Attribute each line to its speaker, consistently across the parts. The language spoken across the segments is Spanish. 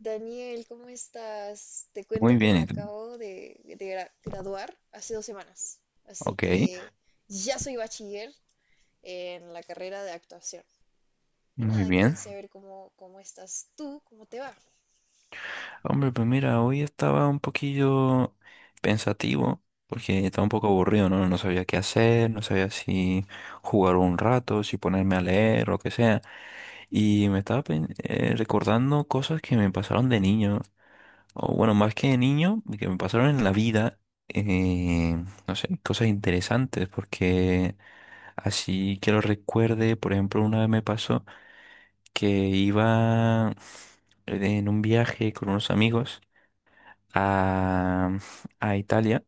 Speaker 1: Daniel, ¿cómo estás? Te cuento
Speaker 2: Muy
Speaker 1: que
Speaker 2: bien,
Speaker 1: me
Speaker 2: ¿y tú?
Speaker 1: acabo de graduar hace dos semanas, así
Speaker 2: Ok,
Speaker 1: que ya soy bachiller en la carrera de actuación. Y
Speaker 2: muy
Speaker 1: nada, quería
Speaker 2: bien.
Speaker 1: saber cómo estás tú, cómo te va.
Speaker 2: Hombre, pues mira, hoy estaba un poquillo pensativo porque estaba un poco aburrido, ¿no? No sabía qué hacer, no sabía si jugar un rato, si ponerme a leer, lo que sea. Y me estaba recordando cosas que me pasaron de niño, o bueno, más que de niño, que me pasaron en la vida. No sé, cosas interesantes porque así que lo recuerde, por ejemplo, una vez me pasó que iba en un viaje con unos amigos a, a Italia,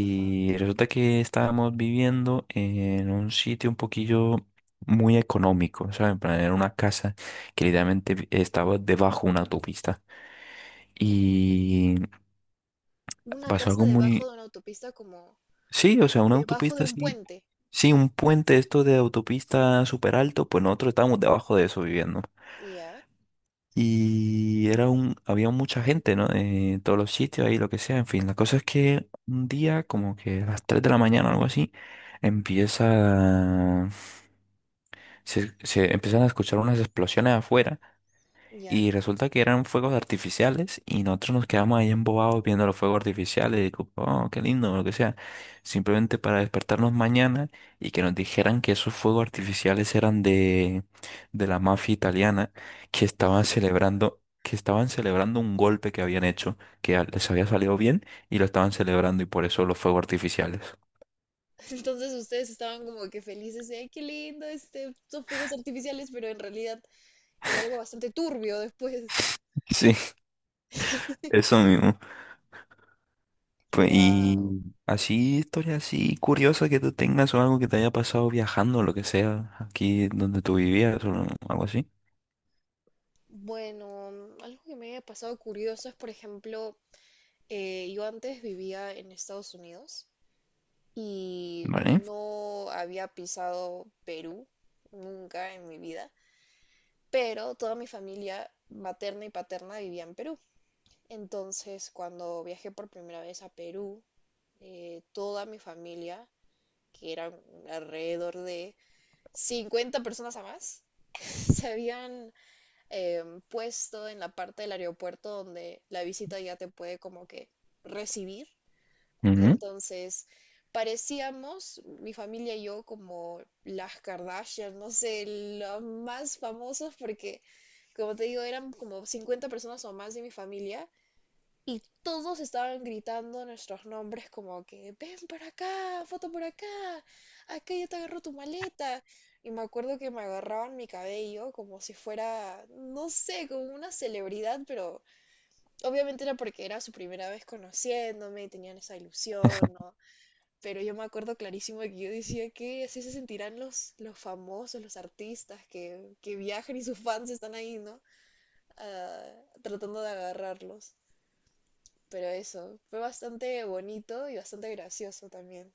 Speaker 1: Ajá.
Speaker 2: resulta que estábamos viviendo en un sitio un poquillo muy económico, ¿sabes? En plan, era una casa que estaba debajo de una autopista y
Speaker 1: Una
Speaker 2: pasó
Speaker 1: casa
Speaker 2: algo
Speaker 1: debajo
Speaker 2: muy...
Speaker 1: de una autopista, como
Speaker 2: Sí, o sea, una
Speaker 1: debajo de
Speaker 2: autopista
Speaker 1: un
Speaker 2: así...
Speaker 1: puente.
Speaker 2: Sí, un puente esto de autopista súper alto, pues nosotros estábamos debajo de eso viviendo.
Speaker 1: Ya,
Speaker 2: Y era un, había mucha gente, ¿no? Todos los sitios ahí, lo que sea, en fin. La cosa es que un día, como que a las 3 de la mañana o algo así, empieza, se empiezan a escuchar unas explosiones afuera,
Speaker 1: ya,
Speaker 2: y resulta que eran fuegos artificiales y nosotros nos quedamos ahí embobados viendo los fuegos artificiales y digo, oh, qué lindo, o lo que sea. Simplemente para despertarnos mañana y que nos dijeran que esos fuegos artificiales eran de la mafia italiana,
Speaker 1: ya.
Speaker 2: que estaban celebrando un golpe que habían hecho, que les había salido bien, y lo estaban celebrando y por eso los fuegos artificiales.
Speaker 1: Entonces ustedes estaban como que felices de, ay, qué lindo, este, son fuegos artificiales, pero en realidad era algo bastante turbio después.
Speaker 2: Sí, eso mismo. Pues,
Speaker 1: Wow.
Speaker 2: y así, historia así curiosa que tú tengas o algo que te haya pasado viajando, lo que sea, aquí donde tú vivías o algo así.
Speaker 1: Bueno, algo que me haya pasado curioso es, por ejemplo, yo antes vivía en Estados Unidos y
Speaker 2: Vale.
Speaker 1: no había pisado Perú nunca en mi vida, pero toda mi familia materna y paterna vivía en Perú. Entonces, cuando viajé por primera vez a Perú, toda mi familia, que eran alrededor de 50 personas a más, se habían eh, puesto en la parte del aeropuerto donde la visita ya te puede como que recibir.
Speaker 2: Ujú.
Speaker 1: Entonces, parecíamos, mi familia y yo, como las Kardashian, no sé, los más famosos porque, como te digo, eran como 50 personas o más de mi familia y todos estaban gritando nuestros nombres como que, ven para acá, foto por acá, acá ya te agarro tu maleta. Y me acuerdo que me agarraban mi cabello como si fuera, no sé, como una celebridad, pero obviamente era porque era su primera vez conociéndome y tenían esa ilusión, ¿no? Pero yo me acuerdo clarísimo que yo decía que así se sentirán los famosos, los artistas que viajan y sus fans están ahí, ¿no? Ah, tratando de agarrarlos. Pero eso, fue bastante bonito y bastante gracioso también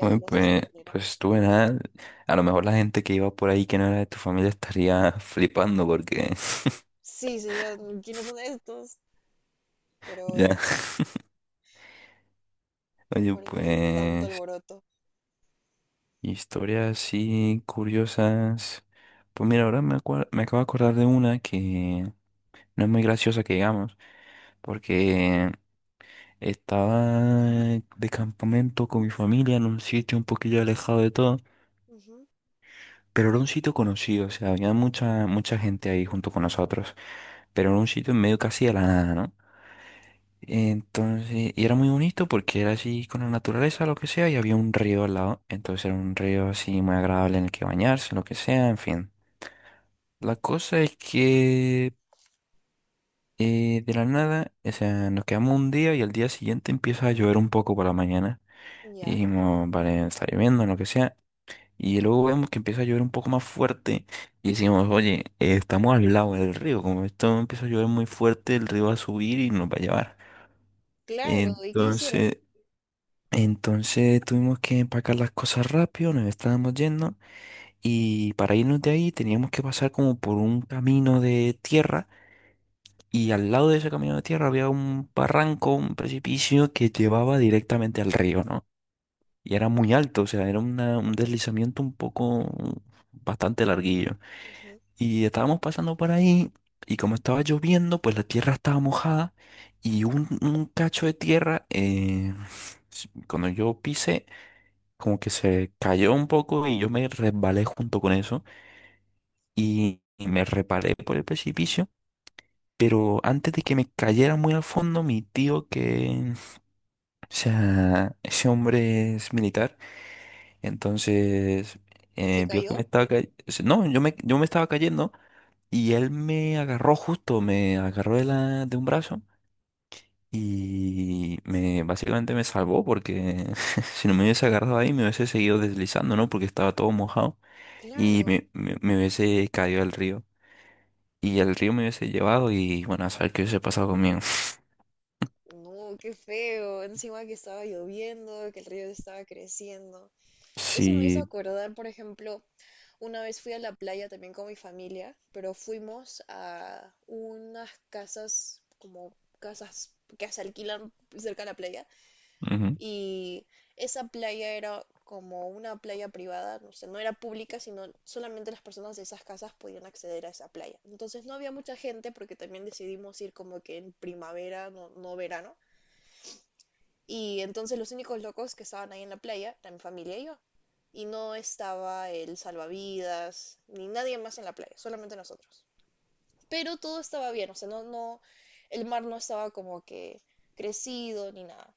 Speaker 2: Bueno,
Speaker 1: de esa
Speaker 2: pues,
Speaker 1: manera.
Speaker 2: pues tú nada. A lo mejor la gente que iba por ahí que no era de tu familia estaría flipando porque...
Speaker 1: Sí, sería, ¿quiénes son estos? Pero bueno,
Speaker 2: Ya. Oye,
Speaker 1: porque hay tanto
Speaker 2: pues,
Speaker 1: alboroto.
Speaker 2: historias así curiosas. Pues mira, ahora me acabo de acordar de una que no es muy graciosa que digamos, porque estaba de campamento con mi familia en un sitio un poquillo alejado de todo,
Speaker 1: Ujú,
Speaker 2: pero era un sitio conocido, o sea, había mucha, mucha gente ahí junto con nosotros, pero era un sitio en medio casi de la nada, ¿no? Entonces, y era muy bonito porque era así con la naturaleza, lo que sea, y había un río al lado, entonces era un río así muy agradable en el que bañarse, lo que sea, en fin. La cosa es que de la nada, o sea, nos quedamos un día y al día siguiente empieza a llover un poco por la mañana. Y
Speaker 1: ya,
Speaker 2: dijimos, vale, está lloviendo, lo que sea. Y luego vemos que empieza a llover un poco más fuerte. Y decimos, oye, estamos al lado del río. Como esto empieza a llover muy fuerte, el río va a subir y nos va a llevar.
Speaker 1: claro, ¿y qué hicieron?
Speaker 2: Entonces, entonces tuvimos que empacar las cosas rápido, nos estábamos yendo. Y para irnos de ahí teníamos que pasar como por un camino de tierra. Y al lado de ese camino de tierra había un barranco, un precipicio que llevaba directamente al río, ¿no? Y era muy alto, o sea, era un deslizamiento un poco bastante larguillo.
Speaker 1: Ujú.
Speaker 2: Y estábamos pasando por ahí, y como estaba lloviendo, pues la tierra estaba mojada, y un cacho de tierra, cuando yo pisé, como que se cayó un poco y yo me resbalé junto con eso, y me reparé por el precipicio. Pero antes de que me cayera muy al fondo, mi tío que, o sea, ese hombre es militar, Entonces,
Speaker 1: ¿Se
Speaker 2: vio que me
Speaker 1: cayó?
Speaker 2: estaba cayendo. No, yo me estaba cayendo y él me agarró justo, me agarró de un brazo y me, básicamente me salvó porque si no me hubiese agarrado ahí me hubiese seguido deslizando, ¿no? Porque estaba todo mojado y
Speaker 1: Claro.
Speaker 2: me hubiese caído al río. Y el río me hubiese llevado y bueno, a saber qué hubiese pasado conmigo.
Speaker 1: No, qué feo. Encima que estaba lloviendo, que el río estaba creciendo. Eso me hizo
Speaker 2: Sí.
Speaker 1: acordar, por ejemplo, una vez fui a la playa también con mi familia, pero fuimos a unas casas, como casas que se alquilan cerca de la playa.
Speaker 2: Ujú.
Speaker 1: Y esa playa era como una playa privada, no sé, no era pública, sino solamente las personas de esas casas podían acceder a esa playa. Entonces no había mucha gente porque también decidimos ir como que en primavera, no, no verano. Y entonces los únicos locos que estaban ahí en la playa eran mi familia y yo. Y no estaba el salvavidas, ni nadie más en la playa, solamente nosotros. Pero todo estaba bien, o sea, no, el mar no estaba como que crecido ni nada.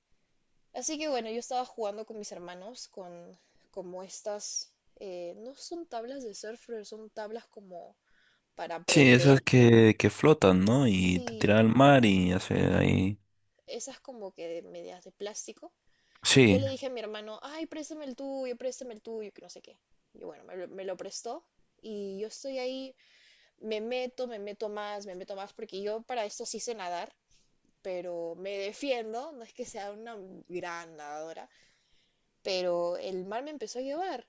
Speaker 1: Así que bueno, yo estaba jugando con mis hermanos, con como estas, no son tablas de surf, pero son tablas como para
Speaker 2: Sí,
Speaker 1: aprender.
Speaker 2: esas que flotan, ¿no? Y te tiran
Speaker 1: Sí,
Speaker 2: al mar y hace ahí.
Speaker 1: esas como que de medias de plástico. Yo
Speaker 2: Sí.
Speaker 1: le dije a mi hermano, ay, préstame el tuyo, que no sé qué. Y bueno, me lo prestó y yo estoy ahí, me meto más, porque yo para esto sí sé nadar, pero me defiendo, no es que sea una gran nadadora, pero el mar me empezó a llevar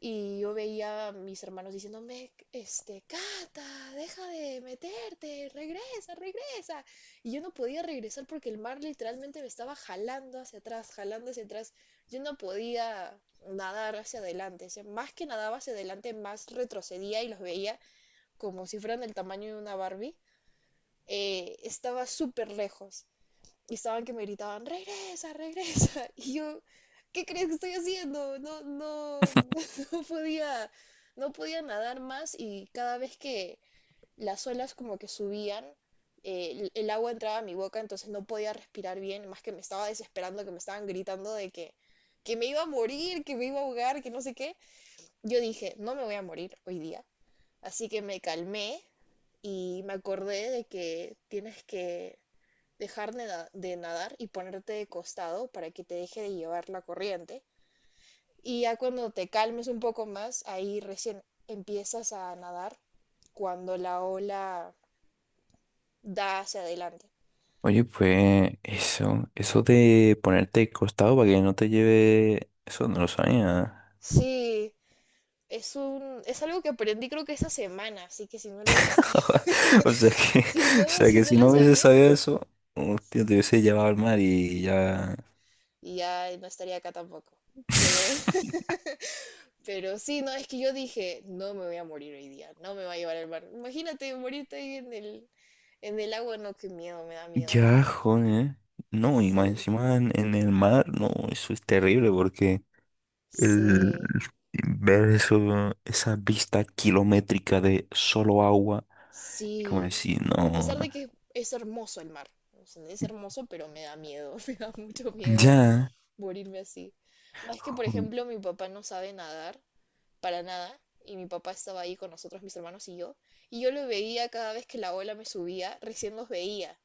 Speaker 1: y yo veía a mis hermanos diciéndome, este, Cata, deja de meterte, regresa, regresa. Y yo no podía regresar porque el mar literalmente me estaba jalando hacia atrás, jalando hacia atrás. Yo no podía nadar hacia adelante. O sea, más que nadaba hacia adelante, más retrocedía y los veía como si fueran del tamaño de una Barbie. Estaba súper lejos y estaban que me gritaban, regresa, regresa. Y yo, ¿qué crees que estoy haciendo? No, no, no podía, no podía nadar más y cada vez que las olas como que subían, el agua entraba a mi boca, entonces no podía respirar bien, más que me estaba desesperando, que me estaban gritando de que me iba a morir, que me iba a ahogar, que no sé qué. Yo dije, no me voy a morir hoy día. Así que me calmé y me acordé de que tienes que dejar de nadar y ponerte de costado para que te deje de llevar la corriente. Y ya cuando te calmes un poco más, ahí recién empiezas a nadar cuando la ola da hacia adelante.
Speaker 2: Oye, pues eso de ponerte de costado para que no te lleve, eso no lo sabía.
Speaker 1: Sí, es un, es algo que aprendí creo que esta semana, así que si no lo hubiera sabido,
Speaker 2: O sea que,
Speaker 1: si
Speaker 2: o
Speaker 1: no,
Speaker 2: sea
Speaker 1: si
Speaker 2: que
Speaker 1: no
Speaker 2: si
Speaker 1: lo
Speaker 2: no hubiese
Speaker 1: sabía,
Speaker 2: sabido eso, hostia, te hubiese llevado al mar y ya.
Speaker 1: ya no estaría acá tampoco. Pero Pero sí, no, es que yo dije, no me voy a morir hoy día, no me va a llevar el mar. Imagínate morirte ahí en el agua, no, qué miedo, me da miedo, no.
Speaker 2: Ya, joder. No, y más
Speaker 1: Sí,
Speaker 2: encima en el mar, no, eso es terrible porque el
Speaker 1: sí,
Speaker 2: ver eso, esa vista kilométrica de solo agua, y como
Speaker 1: sí.
Speaker 2: decir,
Speaker 1: A
Speaker 2: no.
Speaker 1: pesar de que es hermoso el mar, o sea, es hermoso, pero me da miedo, me da mucho miedo
Speaker 2: Ya,
Speaker 1: morirme así. Más que, por
Speaker 2: jo-
Speaker 1: ejemplo, mi papá no sabe nadar, para nada, y mi papá estaba ahí con nosotros, mis hermanos y yo lo veía cada vez que la ola me subía, recién los veía.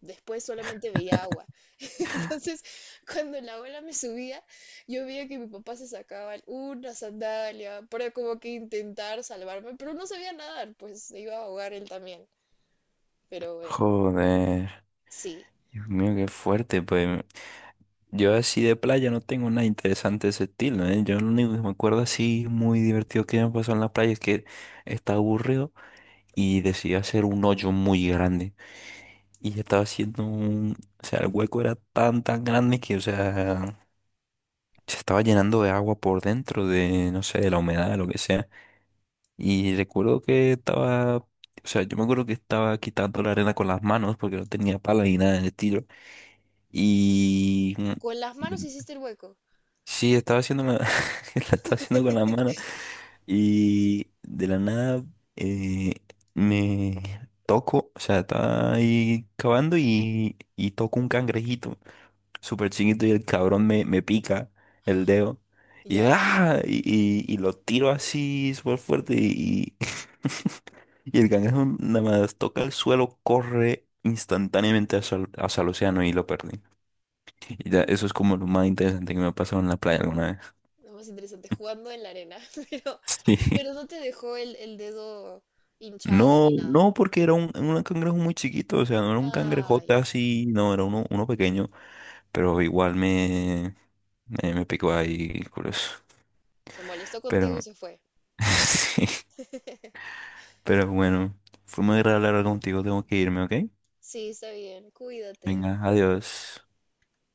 Speaker 1: Después solamente veía agua. Entonces, cuando la ola me subía, yo veía que mi papá se sacaba una sandalia para como que intentar salvarme, pero no sabía nadar, pues se iba a ahogar él también. Pero bueno,
Speaker 2: joder.
Speaker 1: sí.
Speaker 2: Dios mío, qué fuerte, pues. Yo así de playa no tengo nada interesante de ese estilo, ¿eh? Yo lo único que me acuerdo así muy divertido que me pasó en la playa es que estaba aburrido y decidí hacer un hoyo muy grande. Y estaba haciendo un... O sea, el hueco era tan, tan grande que, o sea, se estaba llenando de agua por dentro, de, no sé, de la humedad, de lo que sea. Y recuerdo que estaba... O sea, yo me acuerdo que estaba quitando la arena con las manos porque no tenía pala ni nada de estilo. Y...
Speaker 1: Con las manos hiciste el hueco.
Speaker 2: Sí, estaba haciendo la, la estaba haciendo con la mano, y de la nada eh, me toco, o sea, estaba ahí cavando y toco un cangrejito súper chiquito y el cabrón me pica el dedo y, yo,
Speaker 1: Ya,
Speaker 2: ¡ah! Y, y lo tiro así súper fuerte y, y el cangrejo nada más toca el suelo, corre instantáneamente hacia el océano y lo perdí. Y ya, eso es como lo más interesante que me ha pasado en la playa alguna vez.
Speaker 1: lo más interesante, jugando en la arena, pero,
Speaker 2: Sí.
Speaker 1: pero no te dejó el dedo hinchado
Speaker 2: No,
Speaker 1: ni nada.
Speaker 2: no, porque era un cangrejo muy chiquito, o sea, no era un
Speaker 1: Ah,
Speaker 2: cangrejote
Speaker 1: ya.
Speaker 2: así, no, era uno, uno pequeño, pero igual me, picó ahí, curioso.
Speaker 1: Se molestó contigo y
Speaker 2: Pero,
Speaker 1: se fue.
Speaker 2: sí, pero bueno, fue muy agradable hablar contigo, tengo que irme, ¿ok?
Speaker 1: Sí, está bien. Cuídate.
Speaker 2: Venga, adiós.